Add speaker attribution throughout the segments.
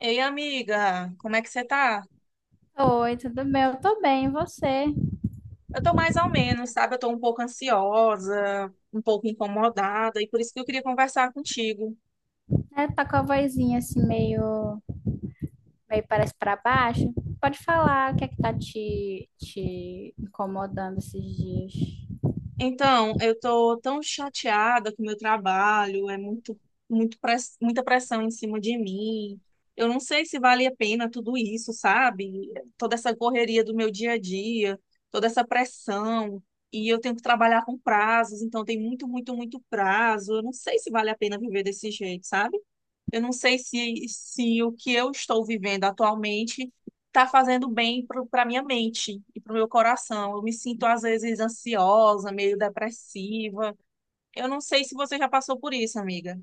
Speaker 1: Ei, amiga, como é que você tá?
Speaker 2: Oi, tudo bem? Eu tô bem, e você?
Speaker 1: Eu tô mais ou menos, sabe? Eu tô um pouco ansiosa, um pouco incomodada, e por isso que eu queria conversar contigo.
Speaker 2: É, tá com a vozinha assim meio, meio parece pra baixo. Pode falar o que é que tá te incomodando esses dias.
Speaker 1: Então, eu tô tão chateada com o meu trabalho, é muito, muito muita pressão em cima de mim. Eu não sei se vale a pena tudo isso, sabe? Toda essa correria do meu dia a dia, toda essa pressão, e eu tenho que trabalhar com prazos, então tem muito, muito, muito prazo. Eu não sei se vale a pena viver desse jeito, sabe? Eu não sei se o que eu estou vivendo atualmente está fazendo bem para minha mente e para o meu coração. Eu me sinto, às vezes, ansiosa, meio depressiva. Eu não sei se você já passou por isso, amiga.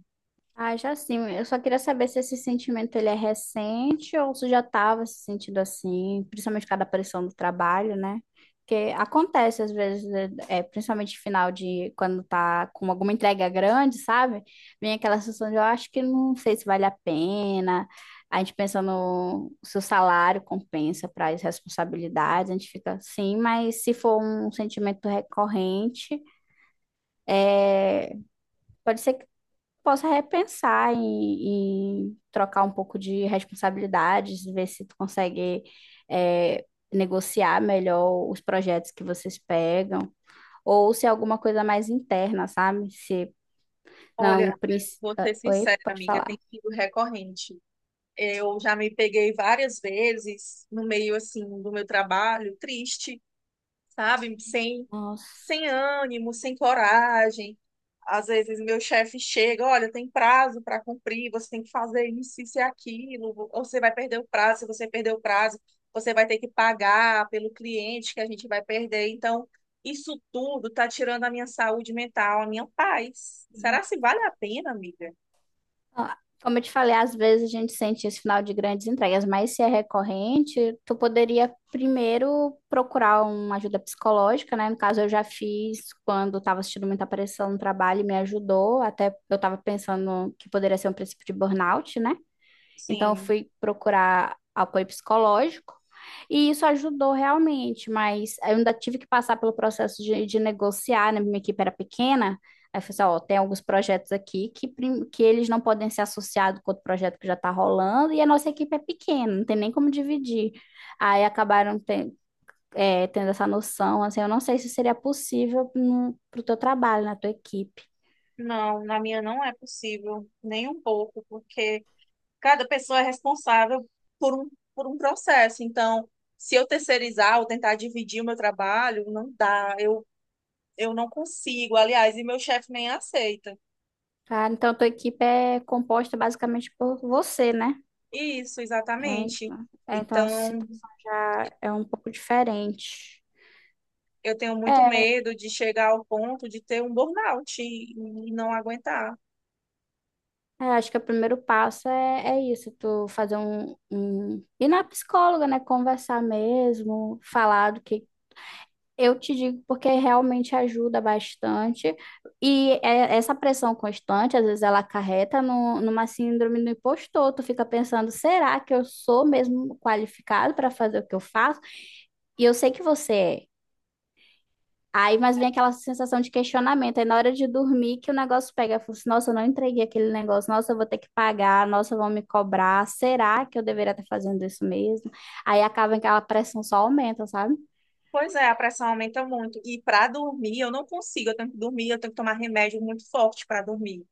Speaker 2: Ah, já sim. Eu só queria saber se esse sentimento ele é recente ou se já estava se sentindo assim, principalmente por causa da pressão do trabalho, né? Porque acontece às vezes, né, principalmente final de quando tá com alguma entrega grande, sabe? Vem aquela sensação de eu acho que não sei se vale a pena. A gente pensa no se o salário compensa para as responsabilidades, a gente fica assim, mas se for um sentimento recorrente, pode ser possa repensar e trocar um pouco de responsabilidades, ver se tu consegue é, negociar melhor os projetos que vocês pegam, ou se é alguma coisa mais interna, sabe? Se não,
Speaker 1: Olha, eu vou
Speaker 2: ah,
Speaker 1: ser
Speaker 2: oi,
Speaker 1: sincera,
Speaker 2: pode
Speaker 1: amiga,
Speaker 2: falar.
Speaker 1: tem sido recorrente. Eu já me peguei várias vezes no meio, assim, do meu trabalho, triste, sabe?
Speaker 2: Nossa.
Speaker 1: Sem ânimo, sem coragem. Às vezes meu chefe chega, olha, tem prazo para cumprir, você tem que fazer isso, isso e aquilo, ou você vai perder o prazo, se você perder o prazo, você vai ter que pagar pelo cliente que a gente vai perder. Então, isso tudo está tirando a minha saúde mental, a minha paz. Será se vale a pena, amiga?
Speaker 2: Ó, como eu te falei, às vezes a gente sente esse final de grandes entregas, mas se é recorrente, tu poderia primeiro procurar uma ajuda psicológica, né? No caso, eu já fiz quando estava assistindo muita pressão no trabalho e me ajudou, até eu estava pensando que poderia ser um princípio de burnout, né? Então, eu
Speaker 1: Sim,
Speaker 2: fui procurar apoio psicológico e isso ajudou realmente, mas eu ainda tive que passar pelo processo de negociar, né? Minha equipe era pequena. Aí eu falei assim, ó, tem alguns projetos aqui que, que eles não podem ser associados com outro projeto que já está rolando, e a nossa equipe é pequena, não tem nem como dividir. Aí acabaram ten- é, tendo essa noção, assim, eu não sei se seria possível para o teu trabalho, na tua equipe.
Speaker 1: não, na minha não é possível, nem um pouco, porque cada pessoa é responsável por um, por um processo. Então, se eu terceirizar ou tentar dividir o meu trabalho, não dá. Eu não consigo, aliás, e meu chefe nem aceita.
Speaker 2: Ah, então, a tua equipe é composta basicamente por você, né?
Speaker 1: Isso,
Speaker 2: É,
Speaker 1: exatamente.
Speaker 2: então, então a
Speaker 1: Então,
Speaker 2: situação já é um pouco diferente.
Speaker 1: eu tenho muito
Speaker 2: É,
Speaker 1: medo de chegar ao ponto de ter um burnout e não aguentar.
Speaker 2: é, acho que o primeiro passo é isso, tu fazer um... Ir na psicóloga, né? Conversar mesmo, falar do que... Eu te digo porque realmente ajuda bastante. E essa pressão constante, às vezes ela acarreta no, numa síndrome do impostor. Tu fica pensando, será que eu sou mesmo qualificado para fazer o que eu faço? E eu sei que você é. Aí, mas vem aquela sensação de questionamento. Aí, na hora de dormir, que o negócio pega. Eu falo assim, nossa, eu não entreguei aquele negócio. Nossa, eu vou ter que pagar. Nossa, vão me cobrar. Será que eu deveria estar fazendo isso mesmo? Aí, acaba que aquela pressão só aumenta, sabe?
Speaker 1: Pois é, a pressão aumenta muito. E para dormir, eu não consigo. Eu tenho que dormir, eu tenho que tomar remédio muito forte para dormir.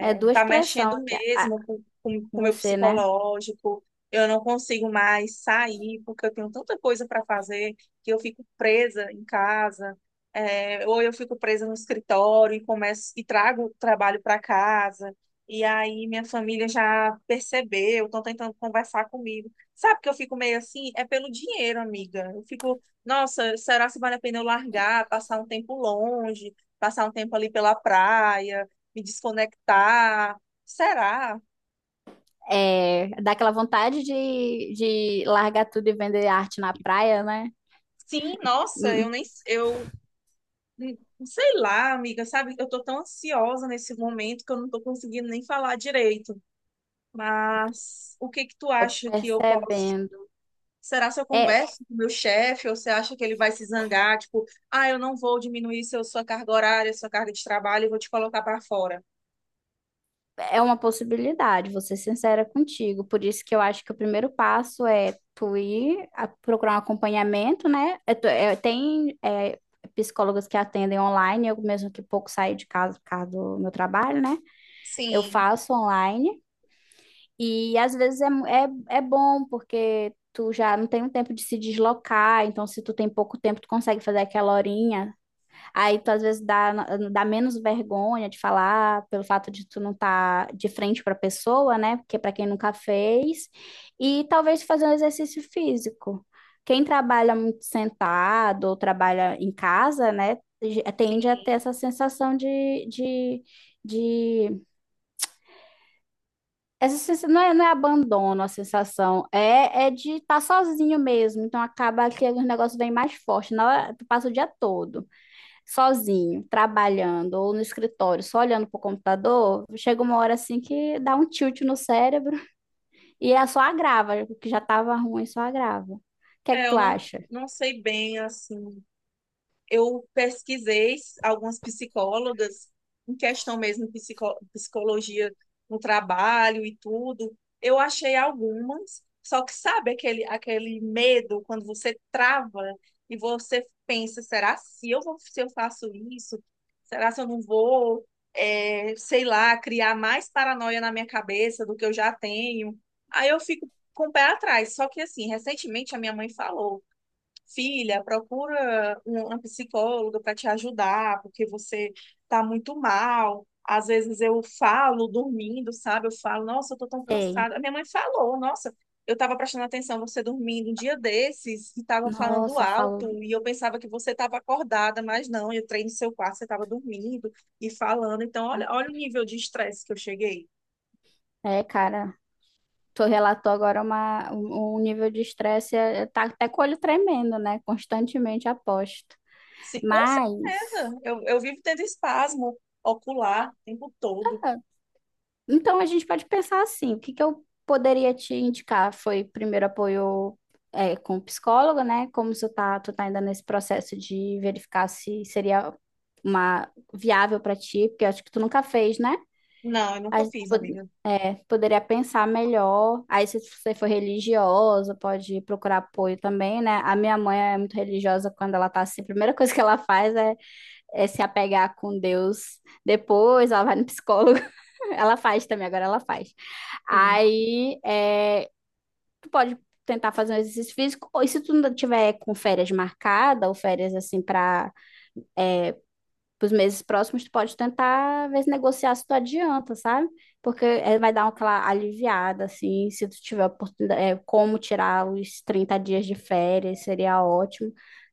Speaker 2: É, é duas
Speaker 1: tá
Speaker 2: pressões
Speaker 1: mexendo
Speaker 2: aqui ah,
Speaker 1: mesmo com com-
Speaker 2: com
Speaker 1: com o meu
Speaker 2: você, né?
Speaker 1: psicológico. Eu não consigo mais sair porque eu tenho tanta coisa para fazer que eu fico presa em casa, é, ou eu fico presa no escritório e começo e trago o trabalho para casa. E aí minha família já percebeu, estão tentando conversar comigo. Sabe que eu fico meio assim? É pelo dinheiro, amiga. Eu fico, nossa, será se vale a pena eu largar, passar um tempo longe, passar um tempo ali pela praia? Me desconectar. Será?
Speaker 2: É, dá aquela vontade de largar tudo e vender arte na praia, né?
Speaker 1: Sim, nossa, eu
Speaker 2: Hum,
Speaker 1: nem eu hum, sei lá, amiga, sabe? Eu tô tão ansiosa nesse momento que eu não tô conseguindo nem falar direito. Mas o que que tu
Speaker 2: tô
Speaker 1: acha que eu posso?
Speaker 2: percebendo.
Speaker 1: Será se eu
Speaker 2: É,
Speaker 1: converso com o meu chefe ou você acha que ele vai se zangar, tipo, ah, eu não vou diminuir seu, sua carga horária, sua carga de trabalho, eu vou te colocar para fora.
Speaker 2: é uma possibilidade, vou ser sincera contigo. Por isso que eu acho que o primeiro passo é tu procurar um acompanhamento, né? É tem é, psicólogas que atendem online, eu mesmo que pouco saio de casa por causa do meu trabalho, né? Eu
Speaker 1: Sim,
Speaker 2: faço online e às vezes é bom porque tu já não tem um tempo de se deslocar, então se tu tem pouco tempo, tu consegue fazer aquela horinha. Aí tu às vezes dá menos vergonha de falar pelo fato de tu não estar tá de frente para a pessoa, né? Porque para quem nunca fez, e talvez fazer um exercício físico. Quem trabalha muito sentado ou trabalha em casa, né? Tende a ter essa sensação de... Essa sensação, não é, não é abandono a sensação, é de estar sozinho mesmo. Então acaba que o negócio vem mais forte. Na hora, tu passa o dia todo sozinho, trabalhando ou no escritório, só olhando pro computador, chega uma hora assim que dá um tilt no cérebro e é só agrava, o que já estava ruim só agrava. O que é que
Speaker 1: é, eu
Speaker 2: tu
Speaker 1: não
Speaker 2: acha?
Speaker 1: não sei bem assim, eu pesquisei algumas psicólogas em questão mesmo de psicologia no trabalho e tudo. Eu achei algumas, só que sabe aquele, aquele medo quando você trava e você pensa, será se eu vou, se eu faço isso? Será se eu não vou, sei lá, criar mais paranoia na minha cabeça do que eu já tenho? Aí eu fico com o pé atrás. Só que assim, recentemente a minha mãe falou: Filha, procura uma psicóloga para te ajudar, porque você tá muito mal. Às vezes eu falo dormindo, sabe? Eu falo, nossa, eu tô tão
Speaker 2: Sei.
Speaker 1: cansada. A minha mãe falou, nossa, eu tava prestando atenção você dormindo um dia desses e tava falando
Speaker 2: Nossa,
Speaker 1: alto
Speaker 2: falo,
Speaker 1: e eu pensava que você tava acordada, mas não, eu entrei no seu quarto, você tava dormindo e falando. Então, olha, olha o nível de estresse que eu cheguei.
Speaker 2: é, cara, tu relatou agora um nível de estresse, é, tá até com o olho tremendo, né? Constantemente aposto.
Speaker 1: Sim, com
Speaker 2: Mas
Speaker 1: certeza. Eu vivo tendo espasmo ocular o tempo todo.
Speaker 2: então, a gente pode pensar assim, o que que eu poderia te indicar? Foi primeiro apoio é, com o psicólogo, né? Como tu tá ainda nesse processo de verificar se seria uma viável para ti, porque eu acho que tu nunca fez, né?
Speaker 1: Não, eu nunca
Speaker 2: A gente
Speaker 1: fiz,
Speaker 2: pod-
Speaker 1: amiga.
Speaker 2: é, poderia pensar melhor. Aí, se você for religiosa, pode procurar apoio também, né? A minha mãe é muito religiosa quando ela tá assim, a primeira coisa que ela faz é se apegar com Deus. Depois ela vai no psicólogo. Ela faz também, agora ela faz.
Speaker 1: Sim,
Speaker 2: Aí, é, tu pode tentar fazer um exercício físico, ou se tu não tiver com férias marcada, ou férias assim para os meses próximos, tu pode tentar ver se negociar se tu adianta, sabe? Porque é, vai dar uma aquela aliviada, assim, se tu tiver oportunidade, é, como tirar os 30 dias de férias, seria ótimo.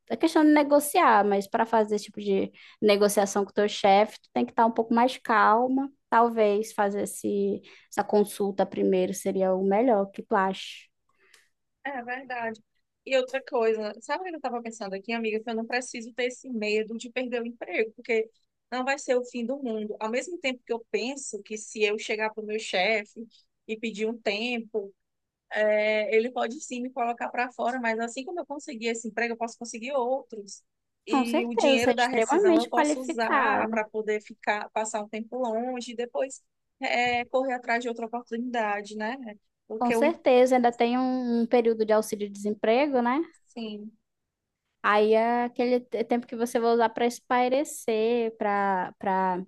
Speaker 2: É questão de negociar, mas para fazer esse tipo de negociação com o teu chefe, tu tem que estar um pouco mais calma. Talvez fazer essa consulta primeiro seria o melhor, o que tu acha?
Speaker 1: é verdade. E outra coisa, sabe o que eu estava pensando aqui, amiga? Que eu não preciso ter esse medo de perder o emprego, porque não vai ser o fim do mundo. Ao mesmo tempo que eu penso que se eu chegar para o meu chefe e pedir um tempo, é, ele pode sim me colocar para fora, mas assim como eu conseguir esse emprego, eu posso conseguir outros.
Speaker 2: Com
Speaker 1: E o
Speaker 2: certeza, você é
Speaker 1: dinheiro da rescisão
Speaker 2: extremamente
Speaker 1: eu posso usar
Speaker 2: qualificada.
Speaker 1: para poder ficar, passar um tempo longe e depois é, correr atrás de outra oportunidade, né?
Speaker 2: Com
Speaker 1: Porque o,
Speaker 2: certeza, ainda tem um período de auxílio-desemprego, né?
Speaker 1: sim.
Speaker 2: Aí é aquele tempo que você vai usar para espairecer, para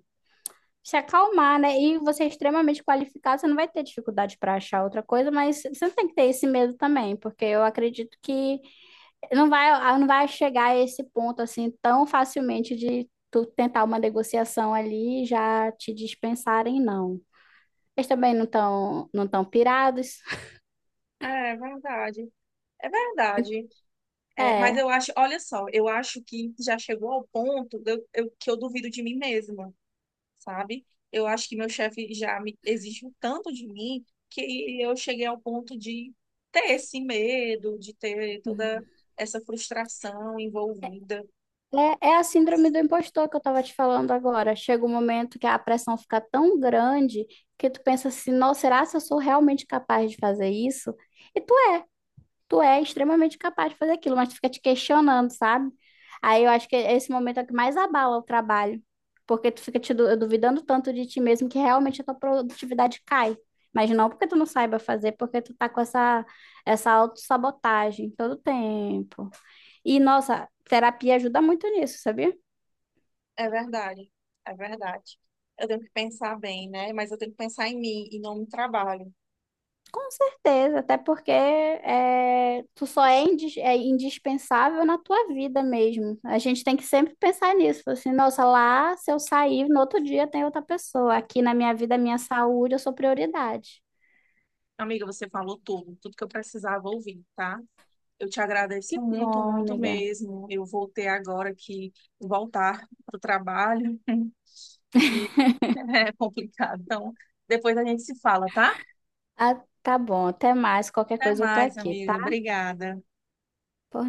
Speaker 2: se acalmar, né? E você é extremamente qualificado, você não vai ter dificuldade para achar outra coisa, mas você não tem que ter esse medo também, porque eu acredito que não vai, ah, não vai chegar a esse ponto assim tão facilmente de tu tentar uma negociação ali e já te dispensarem, não. Eles também não estão não tão pirados.
Speaker 1: É verdade, é verdade. É, mas
Speaker 2: É.
Speaker 1: eu acho, olha só, eu acho que já chegou ao ponto de que eu duvido de mim mesma, sabe? Eu acho que meu chefe já me exige um tanto de mim que eu cheguei ao ponto de ter esse medo, de ter toda essa frustração envolvida.
Speaker 2: É, é a síndrome do impostor que eu tava te falando agora. Chega um momento que a pressão fica tão grande que tu pensa assim, nossa, será que eu sou realmente capaz de fazer isso? E tu é extremamente capaz de fazer aquilo, mas tu fica te questionando, sabe? Aí eu acho que esse momento é o que mais abala o trabalho, porque tu fica te duvidando tanto de ti mesmo que realmente a tua produtividade cai. Mas não porque tu não saiba fazer, porque tu tá com essa, essa autossabotagem todo tempo. E, nossa, terapia ajuda muito nisso, sabia?
Speaker 1: É verdade, é verdade. Eu tenho que pensar bem, né? Mas eu tenho que pensar em mim e não no trabalho.
Speaker 2: Com certeza, até porque é, tu só é, é indispensável na tua vida mesmo. A gente tem que sempre pensar nisso. Falar assim, nossa, lá se eu sair, no outro dia tem outra pessoa. Aqui na minha vida, minha saúde, eu sou prioridade.
Speaker 1: Amiga, você falou tudo, tudo que eu precisava ouvir, tá? Eu te agradeço
Speaker 2: Que
Speaker 1: muito,
Speaker 2: bom,
Speaker 1: muito
Speaker 2: amiga.
Speaker 1: mesmo. Eu voltei agora que voltar para o trabalho e é complicado. Então, depois a gente se fala, tá?
Speaker 2: Ah, tá bom, até mais. Qualquer
Speaker 1: Até
Speaker 2: coisa eu tô
Speaker 1: mais,
Speaker 2: aqui, tá?
Speaker 1: amiga. Obrigada.